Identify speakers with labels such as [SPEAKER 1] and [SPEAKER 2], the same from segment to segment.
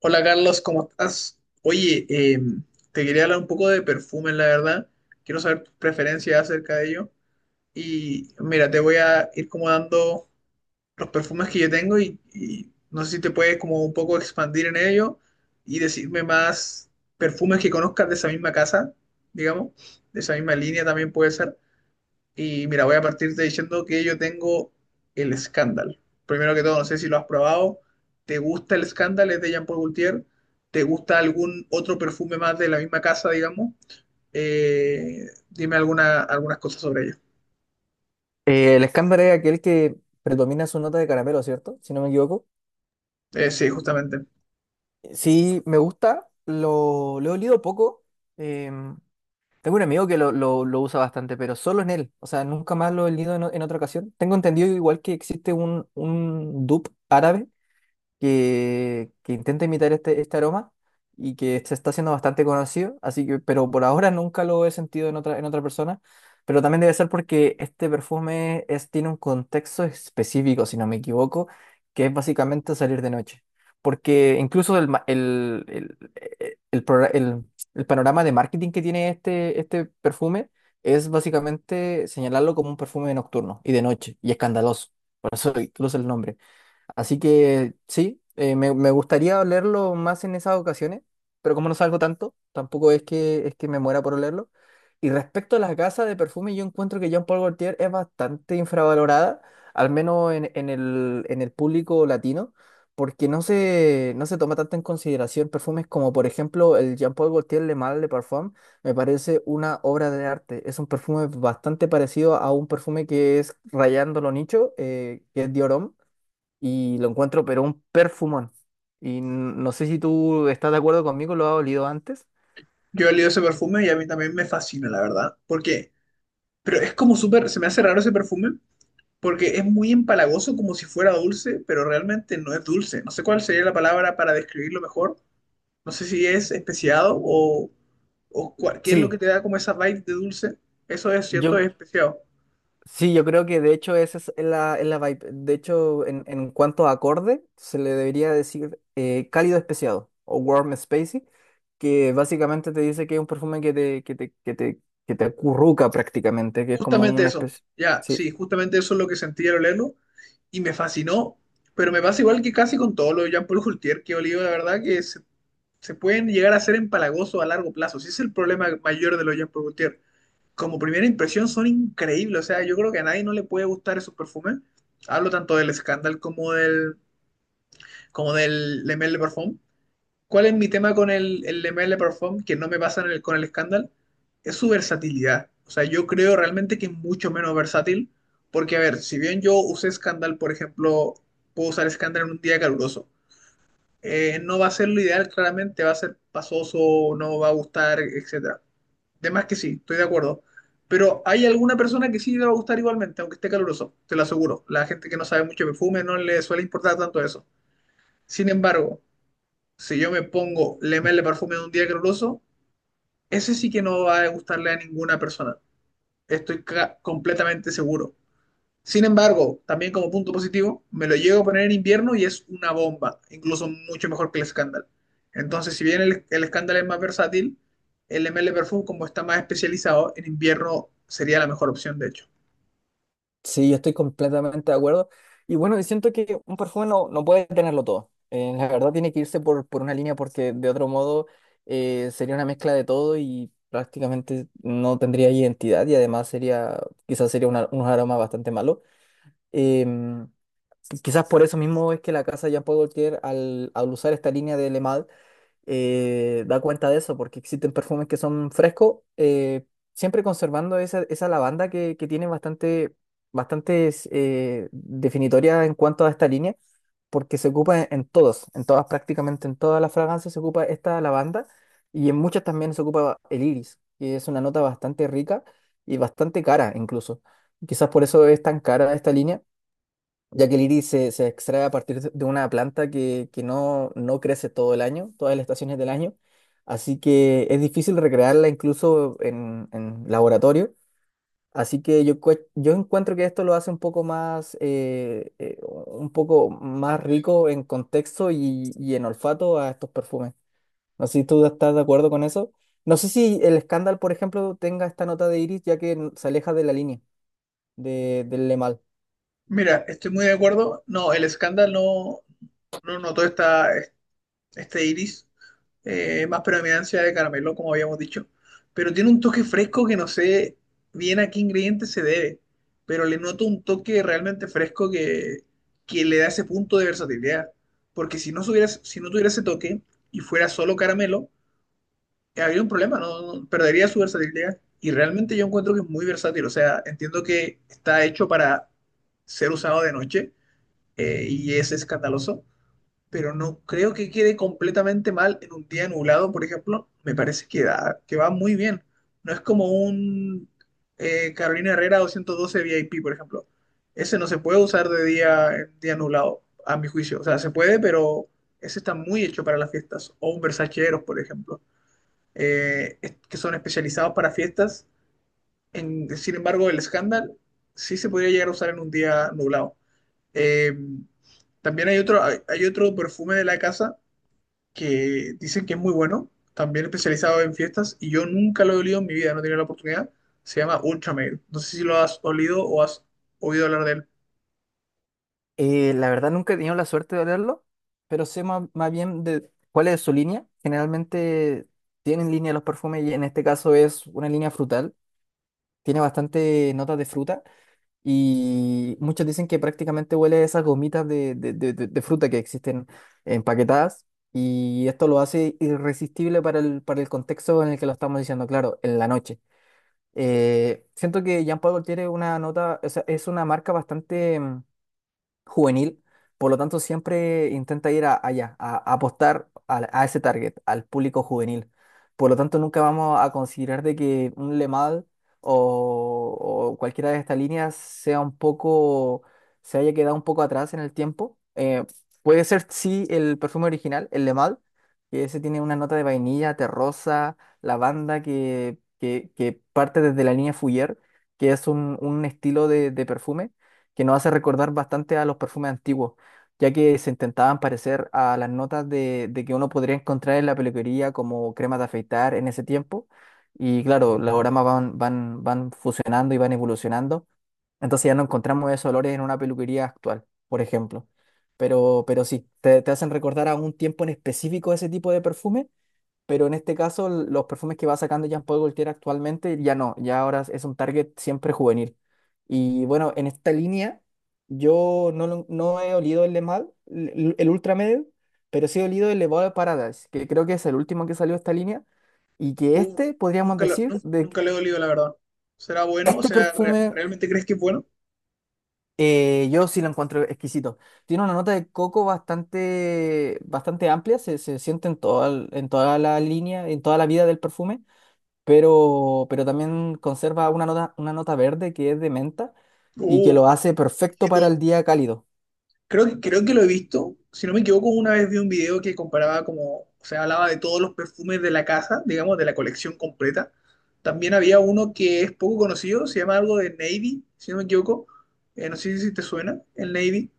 [SPEAKER 1] Hola Carlos, ¿cómo estás? Oye, te quería hablar un poco de perfumes, la verdad. Quiero saber tus preferencias acerca de ello. Y mira, te voy a ir como dando los perfumes que yo tengo y no sé si te puedes como un poco expandir en ello y decirme más perfumes que conozcas de esa misma casa, digamos, de esa misma línea también puede ser. Y mira, voy a partirte diciendo que yo tengo el Scandal. Primero que todo, no sé si lo has probado. ¿Te gusta el Scandal? Es de Jean Paul Gaultier. ¿Te gusta algún otro perfume más de la misma casa, digamos? Dime alguna, algunas cosas sobre ello.
[SPEAKER 2] El escándalo es aquel que predomina su nota de caramelo, ¿cierto? Si no me equivoco.
[SPEAKER 1] Sí, justamente.
[SPEAKER 2] Sí, me gusta, lo he olido poco. em, Tengo un amigo que lo usa bastante, pero solo en él. O sea, nunca más lo he olido en, en otra ocasión. Tengo entendido igual que existe un dupe árabe que intenta imitar este aroma y que se está haciendo bastante conocido, así que, pero por ahora nunca lo he sentido en otra persona, pero también debe ser porque este perfume es, tiene un contexto específico, si no me equivoco, que es básicamente salir de noche, porque incluso el, ma- el progra- el panorama de marketing que tiene este perfume es básicamente señalarlo como un perfume nocturno y de noche, y escandaloso, por eso incluso el nombre. Así que sí, me gustaría olerlo más en esas ocasiones, pero como no salgo tanto, tampoco es que, es que me muera por olerlo. Y respecto a las gasas de perfume, yo encuentro que Jean Paul Gaultier es bastante infravalorada, al menos en el público latino, porque no se toma tanto en consideración perfumes como, por ejemplo, el Jean Paul Gaultier Le Mal de Parfum, me parece una obra de arte. Es un perfume bastante parecido a un perfume que es Rayando lo Nicho, que es Dior Homme y lo encuentro, pero un perfumón. Y no sé si tú estás de acuerdo conmigo, lo has olido antes.
[SPEAKER 1] Yo he olido ese perfume y a mí también me fascina, la verdad. ¿Por qué? Pero es como súper, se me hace raro ese perfume porque es muy empalagoso como si fuera dulce, pero realmente no es dulce. No sé cuál sería la palabra para describirlo mejor. No sé si es especiado o, qué es lo que
[SPEAKER 2] Sí,
[SPEAKER 1] te da como esa vibe de dulce. Eso es cierto,
[SPEAKER 2] yo,
[SPEAKER 1] es especiado.
[SPEAKER 2] sí, yo creo que de hecho esa es es la vibe. De hecho, en cuanto a acorde, se le debería decir cálido especiado o warm spacey, que básicamente te dice que es un perfume que te acurruca prácticamente, que es como
[SPEAKER 1] Justamente
[SPEAKER 2] una
[SPEAKER 1] eso.
[SPEAKER 2] especie.
[SPEAKER 1] Ya,
[SPEAKER 2] Sí.
[SPEAKER 1] sí, justamente eso es lo que sentí al olerlo y me fascinó. Pero me pasa igual que casi con todo lo de Jean-Paul Gaultier que he olido, la verdad se pueden llegar a ser empalagosos a largo plazo. Ese es el problema mayor de los Jean-Paul Gaultier. Como primera impresión son increíbles. O sea, yo creo que a nadie no le puede gustar esos perfumes. Hablo tanto del Scandal como del Le Male de Parfum. ¿Cuál es mi tema con el ML Perform que no me pasa con el Scandal? Es su versatilidad. O sea, yo creo realmente que es mucho menos versátil. Porque, a ver, si bien yo usé Scandal, por ejemplo, puedo usar Scandal en un día caluroso. No va a ser lo ideal, claramente, va a ser pasoso, no va a gustar, etcétera. De más que sí, estoy de acuerdo. Pero hay alguna persona que sí le va a gustar igualmente, aunque esté caluroso, te lo aseguro. La gente que no sabe mucho de perfume no le suele importar tanto eso. Sin embargo, si yo me pongo Le Male Parfume de un día caluroso, ese sí que no va a gustarle a ninguna persona. Estoy completamente seguro. Sin embargo, también como punto positivo, me lo llego a poner en invierno y es una bomba, incluso mucho mejor que el Scandal. Entonces, si bien el Scandal es más versátil, el ML Perfume, como está más especializado, en invierno sería la mejor opción, de hecho.
[SPEAKER 2] Sí, yo estoy completamente de acuerdo. Y bueno, y siento que un perfume no puede tenerlo todo. La verdad tiene que irse por una línea porque de otro modo sería una mezcla de todo y prácticamente no tendría identidad y además sería, quizás sería unos aromas bastante malos. Em, Quizás por eso mismo es que la casa Jean Paul Gaultier, al usar esta línea de Le Male, da cuenta de eso, porque existen perfumes que son frescos, siempre conservando esa lavanda que tiene bastante, bastantes definitoria en cuanto a esta línea, porque se ocupa en todos, en todas, prácticamente en todas las fragancias se ocupa esta lavanda y en muchas también se ocupa el iris, que es una nota bastante rica y bastante cara incluso. Quizás por eso es tan cara esta línea ya que el iris se extrae a partir de una planta que no crece todo el año, todas las estaciones del año, así que es difícil recrearla incluso en laboratorio, así que yo encuentro que esto lo hace un poco más rico en contexto y en olfato a estos perfumes. No sé si tú estás de acuerdo con eso. No sé si el escándalo, por ejemplo, tenga esta nota de iris, ya que se aleja de la línea del Le Mal.
[SPEAKER 1] Mira, estoy muy de acuerdo. No, el Scandal no notó esta, este iris, más predominancia de caramelo, como habíamos dicho. Pero tiene un toque fresco que no sé bien a qué ingrediente se debe, pero le noto un toque realmente fresco que le da ese punto de versatilidad. Porque si no, si no tuviera ese toque y fuera solo caramelo, habría un problema, ¿no? Perdería su versatilidad. Y realmente yo encuentro que es muy versátil. O sea, entiendo que está hecho para ser usado de noche, y es escandaloso, pero no creo que quede completamente mal en un día nublado, por ejemplo. Me parece que, que va muy bien. No es como un Carolina Herrera 212 VIP, por ejemplo. Ese no se puede usar de día en día nublado, a mi juicio. O sea, se puede, pero ese está muy hecho para las fiestas. O un Versace Eros, por ejemplo, que son especializados para fiestas. Sin embargo, el Scandal sí se podría llegar a usar en un día nublado. Eh, también hay otro, hay otro perfume de la casa que dicen que es muy bueno, también especializado en fiestas, y yo nunca lo he olido en mi vida, no he tenido la oportunidad. Se llama Ultrameal. No sé si lo has olido o has oído hablar de él.
[SPEAKER 2] La verdad nunca he tenido la suerte de leerlo, pero sé más, más bien de cuál es su línea. Generalmente tienen línea los perfumes y en este caso es una línea frutal. Tiene bastante notas de fruta y muchos dicen que prácticamente huele a esas gomitas de fruta que existen empaquetadas y esto lo hace irresistible para el contexto en el que lo estamos diciendo, claro, en la noche. Siento que Jean Paul Gaultier es una nota, o sea, es una marca bastante juvenil, por lo tanto siempre intenta ir a apostar ese target, al público juvenil. Por lo tanto, nunca vamos a considerar de que un Le Mal o, o cualquiera de estas líneas sea un poco, se haya quedado un poco atrás en el tiempo. Puede ser, sí, el perfume original, el Le Mal, que ese tiene una nota de vainilla, terrosa, lavanda que parte desde la línea Fougère, que es un estilo de perfume que nos hace recordar bastante a los perfumes antiguos, ya que se intentaban parecer a las notas de que uno podría encontrar en la peluquería como crema de afeitar en ese tiempo. Y claro, los aromas van fusionando y van evolucionando. Entonces ya no encontramos esos olores en una peluquería actual, por ejemplo. Pero sí, te hacen recordar a un tiempo en específico ese tipo de perfume pero en este caso los perfumes que va sacando Jean-Paul Gaultier actualmente ya no, ya ahora es un target siempre juvenil. Y bueno, en esta línea yo no, lo- no he olido el Le Mal, el Ultra Medel, pero sí he olido el Le Val de Paradise, que creo que es el último que salió de esta línea, y que
[SPEAKER 1] Uh,
[SPEAKER 2] este podríamos
[SPEAKER 1] nunca
[SPEAKER 2] decir de que
[SPEAKER 1] nunca lo he olido, la verdad. ¿Será bueno? O
[SPEAKER 2] este
[SPEAKER 1] sea,
[SPEAKER 2] perfume
[SPEAKER 1] ¿realmente crees que es bueno?
[SPEAKER 2] yo sí lo encuentro exquisito. Tiene una nota de coco bastante, bastante amplia, se siente en toda la línea, en toda la vida del perfume. Pero también conserva una nota verde que es de menta y que
[SPEAKER 1] Uh,
[SPEAKER 2] lo hace perfecto para el día cálido.
[SPEAKER 1] creo que, creo que lo he visto. Si no me equivoco, una vez vi un video que comparaba como, o sea, hablaba de todos los perfumes de la casa, digamos, de la colección completa. También había uno que es poco conocido, se llama algo de Navy, si no me equivoco. No sé si te suena, el Navy.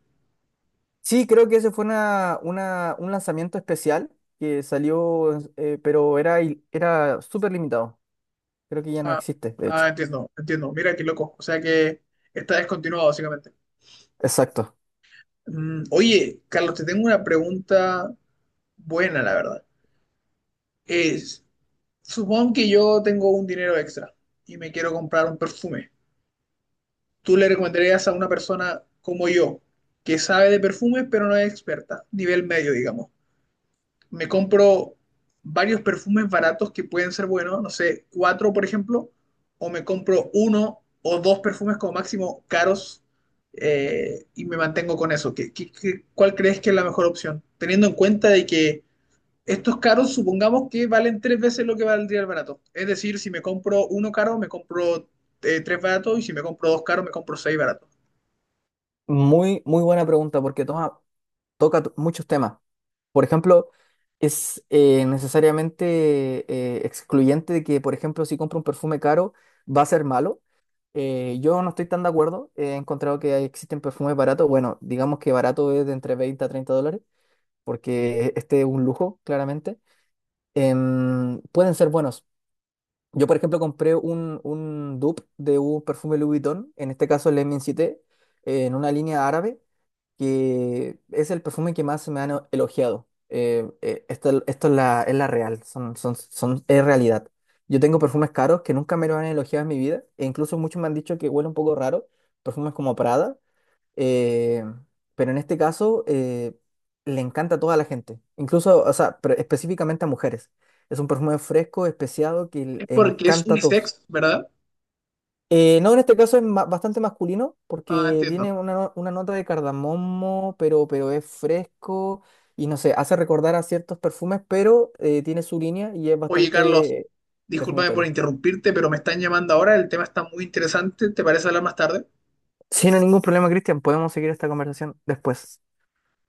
[SPEAKER 2] Sí, creo que ese fue un lanzamiento especial que salió, pero era, era súper limitado. Creo que ya no
[SPEAKER 1] Ah,
[SPEAKER 2] existe, de
[SPEAKER 1] ah,
[SPEAKER 2] hecho.
[SPEAKER 1] entiendo, entiendo. Mira qué loco. O sea que está descontinuado, básicamente.
[SPEAKER 2] Exacto.
[SPEAKER 1] Mm, oye, Carlos, te tengo una pregunta buena, la verdad. Es, supón que yo tengo un dinero extra y me quiero comprar un perfume. ¿Tú le recomendarías a una persona como yo, que sabe de perfumes pero no es experta, nivel medio, digamos? Me compro varios perfumes baratos que pueden ser buenos, no sé, cuatro, por ejemplo, o me compro uno o dos perfumes como máximo caros, y me mantengo con eso. ¿ cuál crees que es la mejor opción? Teniendo en cuenta de que estos caros supongamos que valen tres veces lo que valdría el barato. Es decir, si me compro uno caro, me compro tres baratos, y si me compro dos caros, me compro seis baratos.
[SPEAKER 2] Muy, muy buena pregunta porque toca muchos temas. Por ejemplo, es necesariamente excluyente de que, por ejemplo, si compro un perfume caro, va a ser malo. Yo no estoy tan de acuerdo. He encontrado que existen perfumes baratos. Bueno, digamos que barato es de entre 20 a 30 dólares, porque este es un lujo, claramente. Pueden ser buenos. Yo, por ejemplo, compré un dupe de un perfume Louis Vuitton, en este caso el M7, en una línea árabe que es el perfume que más se me han elogiado. Esto es es la real, es realidad. Yo tengo perfumes caros que nunca me lo han elogiado en mi vida, e incluso muchos me han dicho que huele un poco raro, perfumes como Prada, eh, pero en este caso le encanta a toda la gente, incluso, o sea, pero específicamente a mujeres. Es un perfume fresco, especiado, que le
[SPEAKER 1] Es porque es
[SPEAKER 2] encanta a todos.
[SPEAKER 1] unisex, ¿verdad?
[SPEAKER 2] No, en este caso es bastante masculino
[SPEAKER 1] Ah,
[SPEAKER 2] porque tiene
[SPEAKER 1] entiendo.
[SPEAKER 2] una, una nota de cardamomo, pero es fresco y no sé, hace recordar a ciertos perfumes, pero tiene su línea y es
[SPEAKER 1] Oye, Carlos,
[SPEAKER 2] bastante
[SPEAKER 1] discúlpame por
[SPEAKER 2] definitorio.
[SPEAKER 1] interrumpirte, pero me están llamando ahora, el tema está muy interesante, ¿te parece hablar más tarde?
[SPEAKER 2] Sin ningún problema, Cristian, podemos seguir esta conversación después.